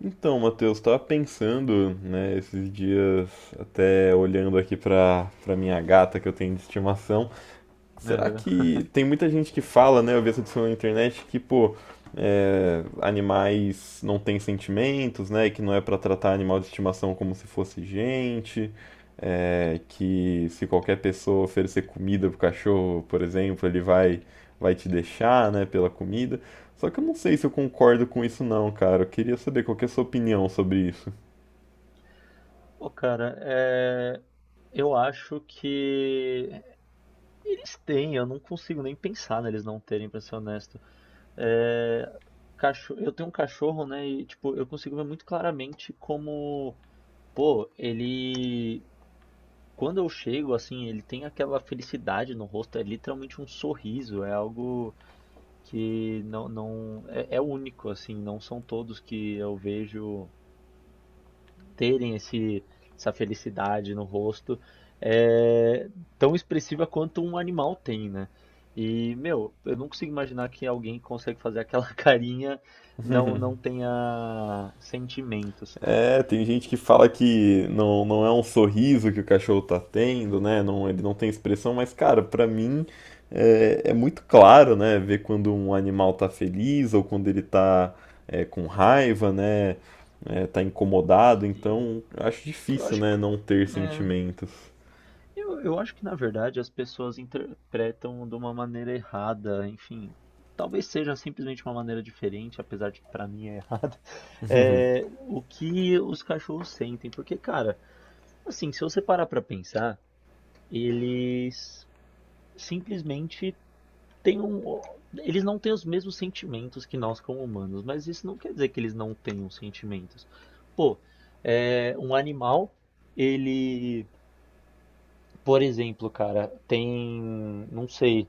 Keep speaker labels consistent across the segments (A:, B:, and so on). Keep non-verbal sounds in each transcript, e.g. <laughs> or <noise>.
A: Então, Matheus, estava pensando, né, esses dias, até olhando aqui para minha gata que eu tenho de estimação. Será
B: Aham. <laughs>
A: que tem muita gente que fala, né? Eu vi essa discussão na internet que, pô, é, animais não têm sentimentos, né? Que não é pra tratar animal de estimação como se fosse gente, é, que se qualquer pessoa oferecer comida pro cachorro, por exemplo, ele vai te deixar, né? Pela comida. Só que eu não sei se eu concordo com isso não, cara. Eu queria saber qual que é a sua opinião sobre isso.
B: Pô, cara, eu acho que eles têm, eu não consigo nem pensar neles não terem, pra ser honesto. É... Eu tenho um cachorro, né, e tipo, eu consigo ver muito claramente como, pô, quando eu chego, assim, ele tem aquela felicidade no rosto, é literalmente um sorriso, é algo que não, não... É, é único, assim, não são todos que eu vejo terem essa felicidade no rosto é tão expressiva quanto um animal tem, né? E, meu, eu não consigo imaginar que alguém que consegue fazer aquela <laughs> carinha não tenha sentimentos.
A: É, tem gente que fala que não, não é um sorriso que o cachorro tá tendo, né? Não, ele não tem expressão, mas, cara, pra mim é, é muito claro, né? Ver quando um animal tá feliz ou quando ele tá com raiva, né? É, tá incomodado,
B: E
A: então acho
B: eu
A: difícil,
B: acho,
A: né? Não ter
B: é,
A: sentimentos.
B: eu, eu acho que, na verdade, as pessoas interpretam de uma maneira errada, enfim. Talvez seja simplesmente uma maneira diferente, apesar de que pra mim é errada, <laughs> o que os cachorros sentem. Porque, cara, assim, se você parar pra pensar, eles simplesmente têm um. Eles não têm os mesmos sentimentos que nós como humanos, mas isso não quer dizer que eles não tenham sentimentos. Pô, um animal, ele, por exemplo, cara, tem, não sei,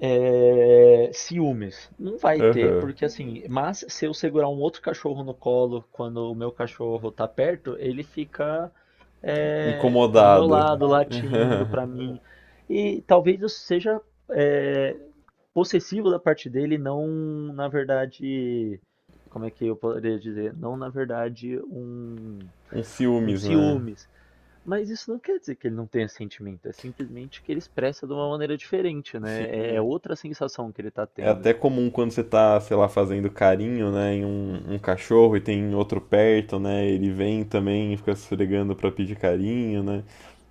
B: Ciúmes. Não vai ter,
A: Aham.
B: porque assim, mas se eu segurar um outro cachorro no colo quando o meu cachorro tá perto, ele fica do meu
A: Incomodada.
B: lado, latindo pra
A: Aham.
B: mim. E talvez eu seja é, possessivo da parte dele, não, na verdade, como é que eu poderia dizer? Não, na verdade, um,
A: Um
B: um
A: ciúmes, né?
B: ciúmes. Mas isso não quer dizer que ele não tenha sentimento, é simplesmente que ele expressa de uma maneira diferente, né? É
A: Sim.
B: outra sensação que ele tá
A: É
B: tendo.
A: até comum quando você tá, sei lá, fazendo carinho, né, em um cachorro e tem outro perto, né, ele vem também e fica se esfregando pra pedir carinho, né?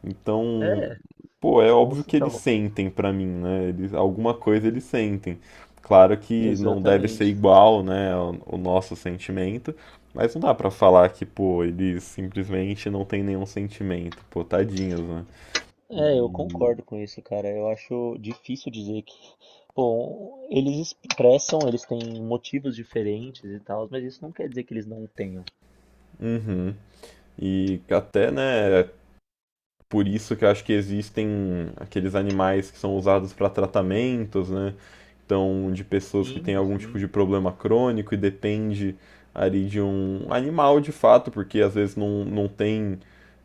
A: Então,
B: É,
A: pô, é
B: com
A: óbvio que eles
B: Então,
A: sentem pra mim, né? Eles, alguma coisa eles sentem. Claro que não deve ser
B: exatamente.
A: igual, né, o nosso sentimento, mas não dá pra falar que, pô, eles simplesmente não têm nenhum sentimento, pô, tadinhos, né?
B: Eu
A: E,
B: concordo com isso, cara. Eu acho difícil dizer que, bom, eles expressam, eles têm motivos diferentes e tal, mas isso não quer dizer que eles não tenham.
A: uhum. E até, né, por isso que eu acho que existem aqueles animais que são usados para tratamentos, né? Então, de pessoas que têm
B: Sim,
A: algum tipo
B: sim.
A: de problema crônico e depende ali de um animal de fato, porque às vezes não tem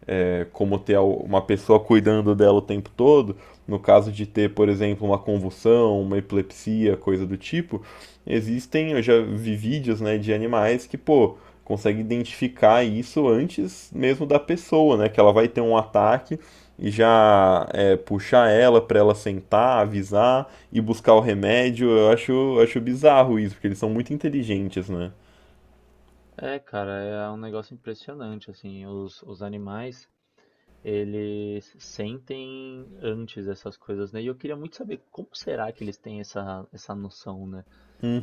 A: como ter uma pessoa cuidando dela o tempo todo, no caso de ter, por exemplo, uma convulsão, uma epilepsia, coisa do tipo, existem, eu já vi vídeos, né, de animais que, pô, conseguem identificar isso antes mesmo da pessoa, né, que ela vai ter um ataque e já puxar ela para ela sentar, avisar e buscar o remédio. Eu acho bizarro isso, porque eles são muito inteligentes, né?
B: Cara, é um negócio impressionante, assim, os animais, eles sentem antes essas coisas, né? E eu queria muito saber como será que eles têm essa noção, né?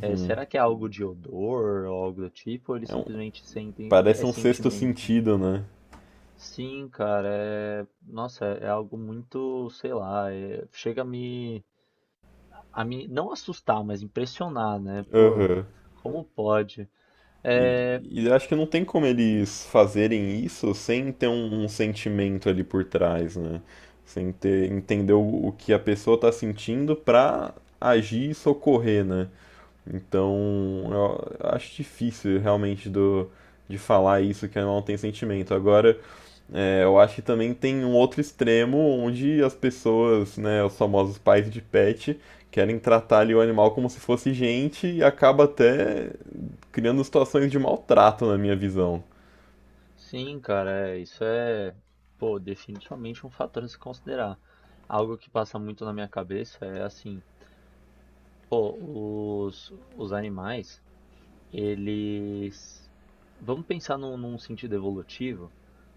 B: É, será que é algo de odor ou algo do tipo, ou eles
A: É um-
B: simplesmente sentem, é
A: Parece um sexto
B: sentimento?
A: sentido, né?
B: Sim, cara, nossa, é algo muito, sei lá, chega a me não assustar, mas impressionar, né? Pô,
A: Aham.
B: como pode?
A: E,
B: É,
A: e acho que não tem como eles fazerem isso sem ter um sentimento ali por trás, né? Sem ter, entender o que a pessoa tá sentindo pra agir e socorrer, né? Então, eu acho difícil realmente de falar isso que não tem sentimento. Agora, é, eu acho que também tem um outro extremo onde as pessoas, né, os famosos pais de pet, querem tratar ali o animal como se fosse gente e acaba até criando situações de maltrato, na minha visão.
B: Sim, cara, isso é, pô, definitivamente um fator a se considerar. Algo que passa muito na minha cabeça é assim, pô, os animais, eles. Vamos pensar num sentido evolutivo.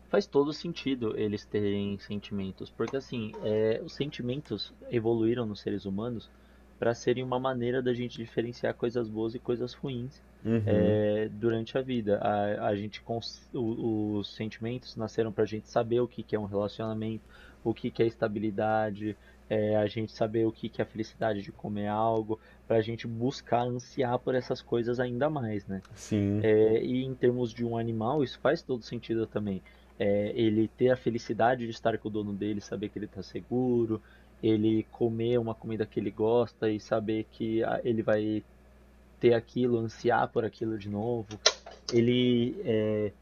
B: Faz todo sentido eles terem sentimentos, porque assim, os sentimentos evoluíram nos seres humanos para serem uma maneira da gente diferenciar coisas boas e coisas ruins
A: Uhum,
B: durante a vida. A gente cons- o- os sentimentos nasceram para a gente saber o que que é um relacionamento, o que que é estabilidade, a gente saber o que que é a felicidade de comer algo, para a gente buscar ansiar por essas coisas ainda mais, né?
A: sim,
B: E em termos de um animal, isso faz todo sentido também. Ele ter a felicidade de estar com o dono dele, saber que ele está seguro, ele comer uma comida que ele gosta e saber que ah, ele vai ter aquilo, ansiar por aquilo de novo, ele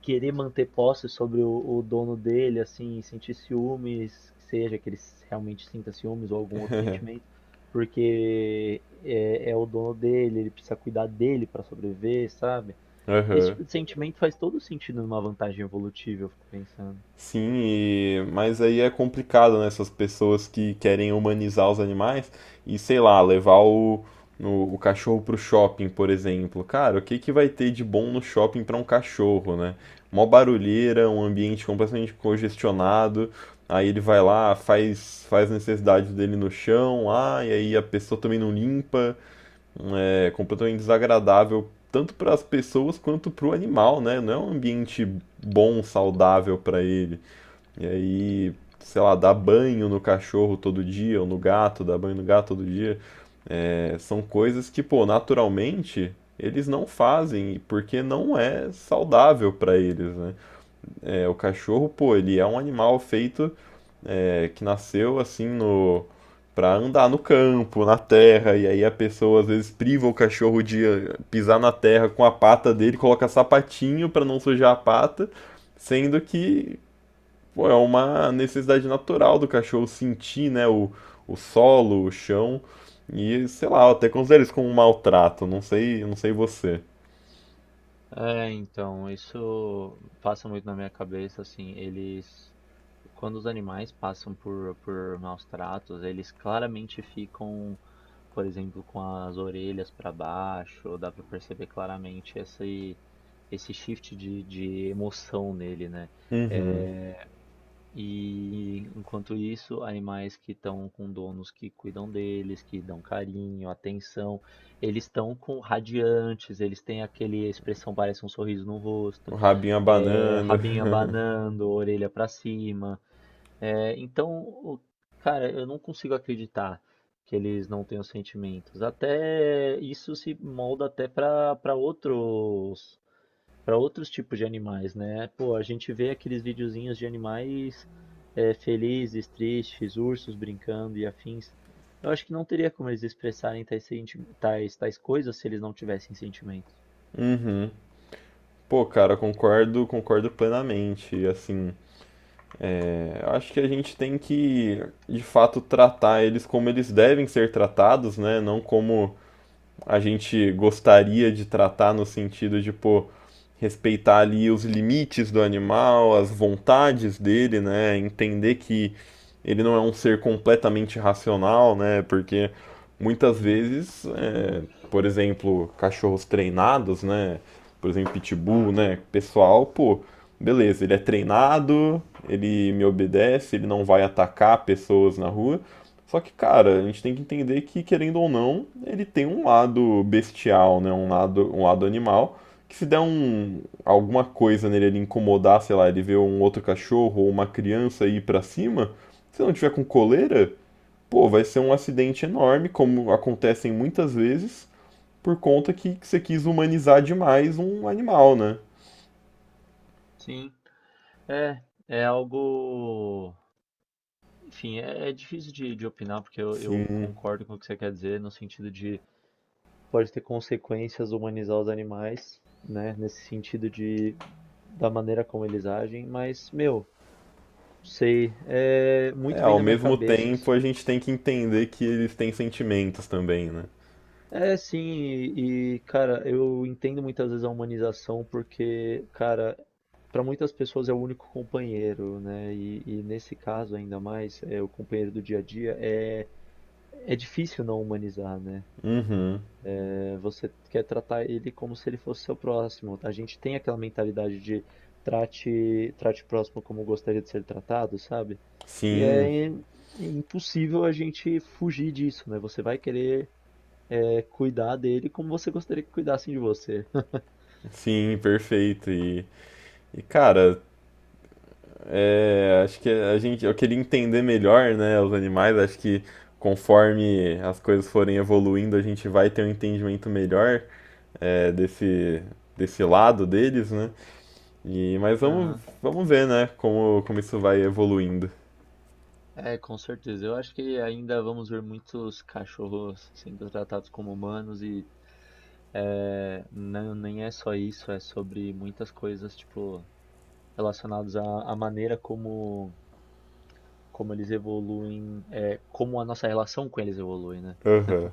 B: querer manter posse sobre o dono dele, assim, sentir ciúmes, que seja que ele realmente sinta ciúmes ou algum outro sentimento porque é o dono dele, ele precisa cuidar dele para sobreviver, sabe? Esse
A: aham.
B: tipo de sentimento faz todo sentido numa vantagem evolutiva, eu fico pensando.
A: Sim, mas aí é complicado, né? Essas pessoas que querem humanizar os animais e, sei lá, levar o cachorro pro shopping, por exemplo. Cara, o que que vai ter de bom no shopping pra um cachorro, né? Mó barulheira, um ambiente completamente congestionado. Aí ele vai lá, faz a necessidade dele no chão, lá, e aí a pessoa também não limpa. É completamente desagradável, tanto para as pessoas quanto para o animal, né? Não é um ambiente bom, saudável para ele. E aí, sei lá, dar banho no cachorro todo dia, ou no gato, dar banho no gato todo dia, é, são coisas que, pô, naturalmente eles não fazem porque não é saudável para eles, né? É, o cachorro, pô, ele é um animal que nasceu assim para andar no campo, na terra, e aí a pessoa às vezes priva o cachorro de pisar na terra com a pata dele, coloca sapatinho para não sujar a pata, sendo que pô, é uma necessidade natural do cachorro sentir, né, o solo, o chão. E, sei lá, eu até considero isso como um maltrato. Não sei você.
B: Então, isso passa muito na minha cabeça, assim, eles, quando os animais passam por maus tratos, eles claramente ficam, por exemplo, com as orelhas para baixo, dá pra perceber claramente esse shift de emoção nele, né?
A: Uhum.
B: É, E enquanto isso, animais que estão com donos que cuidam deles, que dão carinho, atenção, eles estão com radiantes, eles têm aquele a expressão, parece um sorriso no
A: O
B: rosto,
A: rabinho abanando.
B: rabinho
A: <laughs>
B: abanando, orelha para cima. Então, cara, eu não consigo acreditar que eles não tenham sentimentos. Até isso se molda até para outros tipos de animais, né? Pô, a gente vê aqueles videozinhos de animais felizes, tristes, ursos brincando e afins. Eu acho que não teria como eles expressarem tais coisas se eles não tivessem sentimentos.
A: Uhum. Pô, cara, concordo, concordo plenamente. Assim, é, eu acho que a gente tem que, de fato, tratar eles como eles devem ser tratados, né? Não como a gente gostaria de tratar no sentido de, pô, respeitar ali os limites do animal, as vontades dele, né? Entender que ele não é um ser completamente racional, né? Porque muitas
B: Sim,
A: vezes, é, por exemplo, cachorros treinados, né? Por exemplo, pitbull, né? Pessoal, pô, beleza, ele é treinado, ele me obedece, ele não vai atacar pessoas na rua. Só que, cara, a gente tem que entender que, querendo ou não, ele tem um lado bestial, né? Um lado animal. Que se der alguma coisa nele, ele incomodar, sei lá, ele ver um outro cachorro ou uma criança ir pra cima, se não tiver com coleira, pô, vai ser um acidente enorme, como acontecem muitas vezes, por conta que você quis humanizar demais um animal, né?
B: sim. É, é algo. Enfim, é difícil de opinar, porque eu
A: Sim.
B: concordo com o que você quer dizer, no sentido de pode ter consequências humanizar os animais, né? Nesse sentido de da maneira como eles agem, mas, meu, sei, é
A: É,
B: muito bem
A: ao
B: na minha
A: mesmo
B: cabeça.
A: tempo a gente tem que entender que eles têm sentimentos também, né?
B: Sim, e, cara, eu entendo muitas vezes a humanização porque, cara, para muitas pessoas é o único companheiro, né? E nesse caso ainda mais, é o companheiro do dia a dia, é difícil não humanizar, né?
A: Uhum.
B: Você quer tratar ele como se ele fosse seu próximo. A gente tem aquela mentalidade de trate o próximo como gostaria de ser tratado, sabe? E
A: Sim.
B: é impossível a gente fugir disso, né? Você vai querer cuidar dele como você gostaria que cuidassem de você.
A: Sim, perfeito. E cara, é, acho que a gente, eu queria entender melhor, né, os animais. Acho que conforme as coisas forem evoluindo, a gente vai ter um entendimento melhor é, desse lado deles, né? E, mas
B: Aham.
A: vamos ver, né, como isso vai evoluindo.
B: É, com certeza. Eu acho que ainda vamos ver muitos cachorros sendo tratados como humanos e não, nem é só isso, é sobre muitas coisas, tipo, relacionadas à maneira como eles evoluem, como a nossa relação com eles evolui, né?
A: Aham.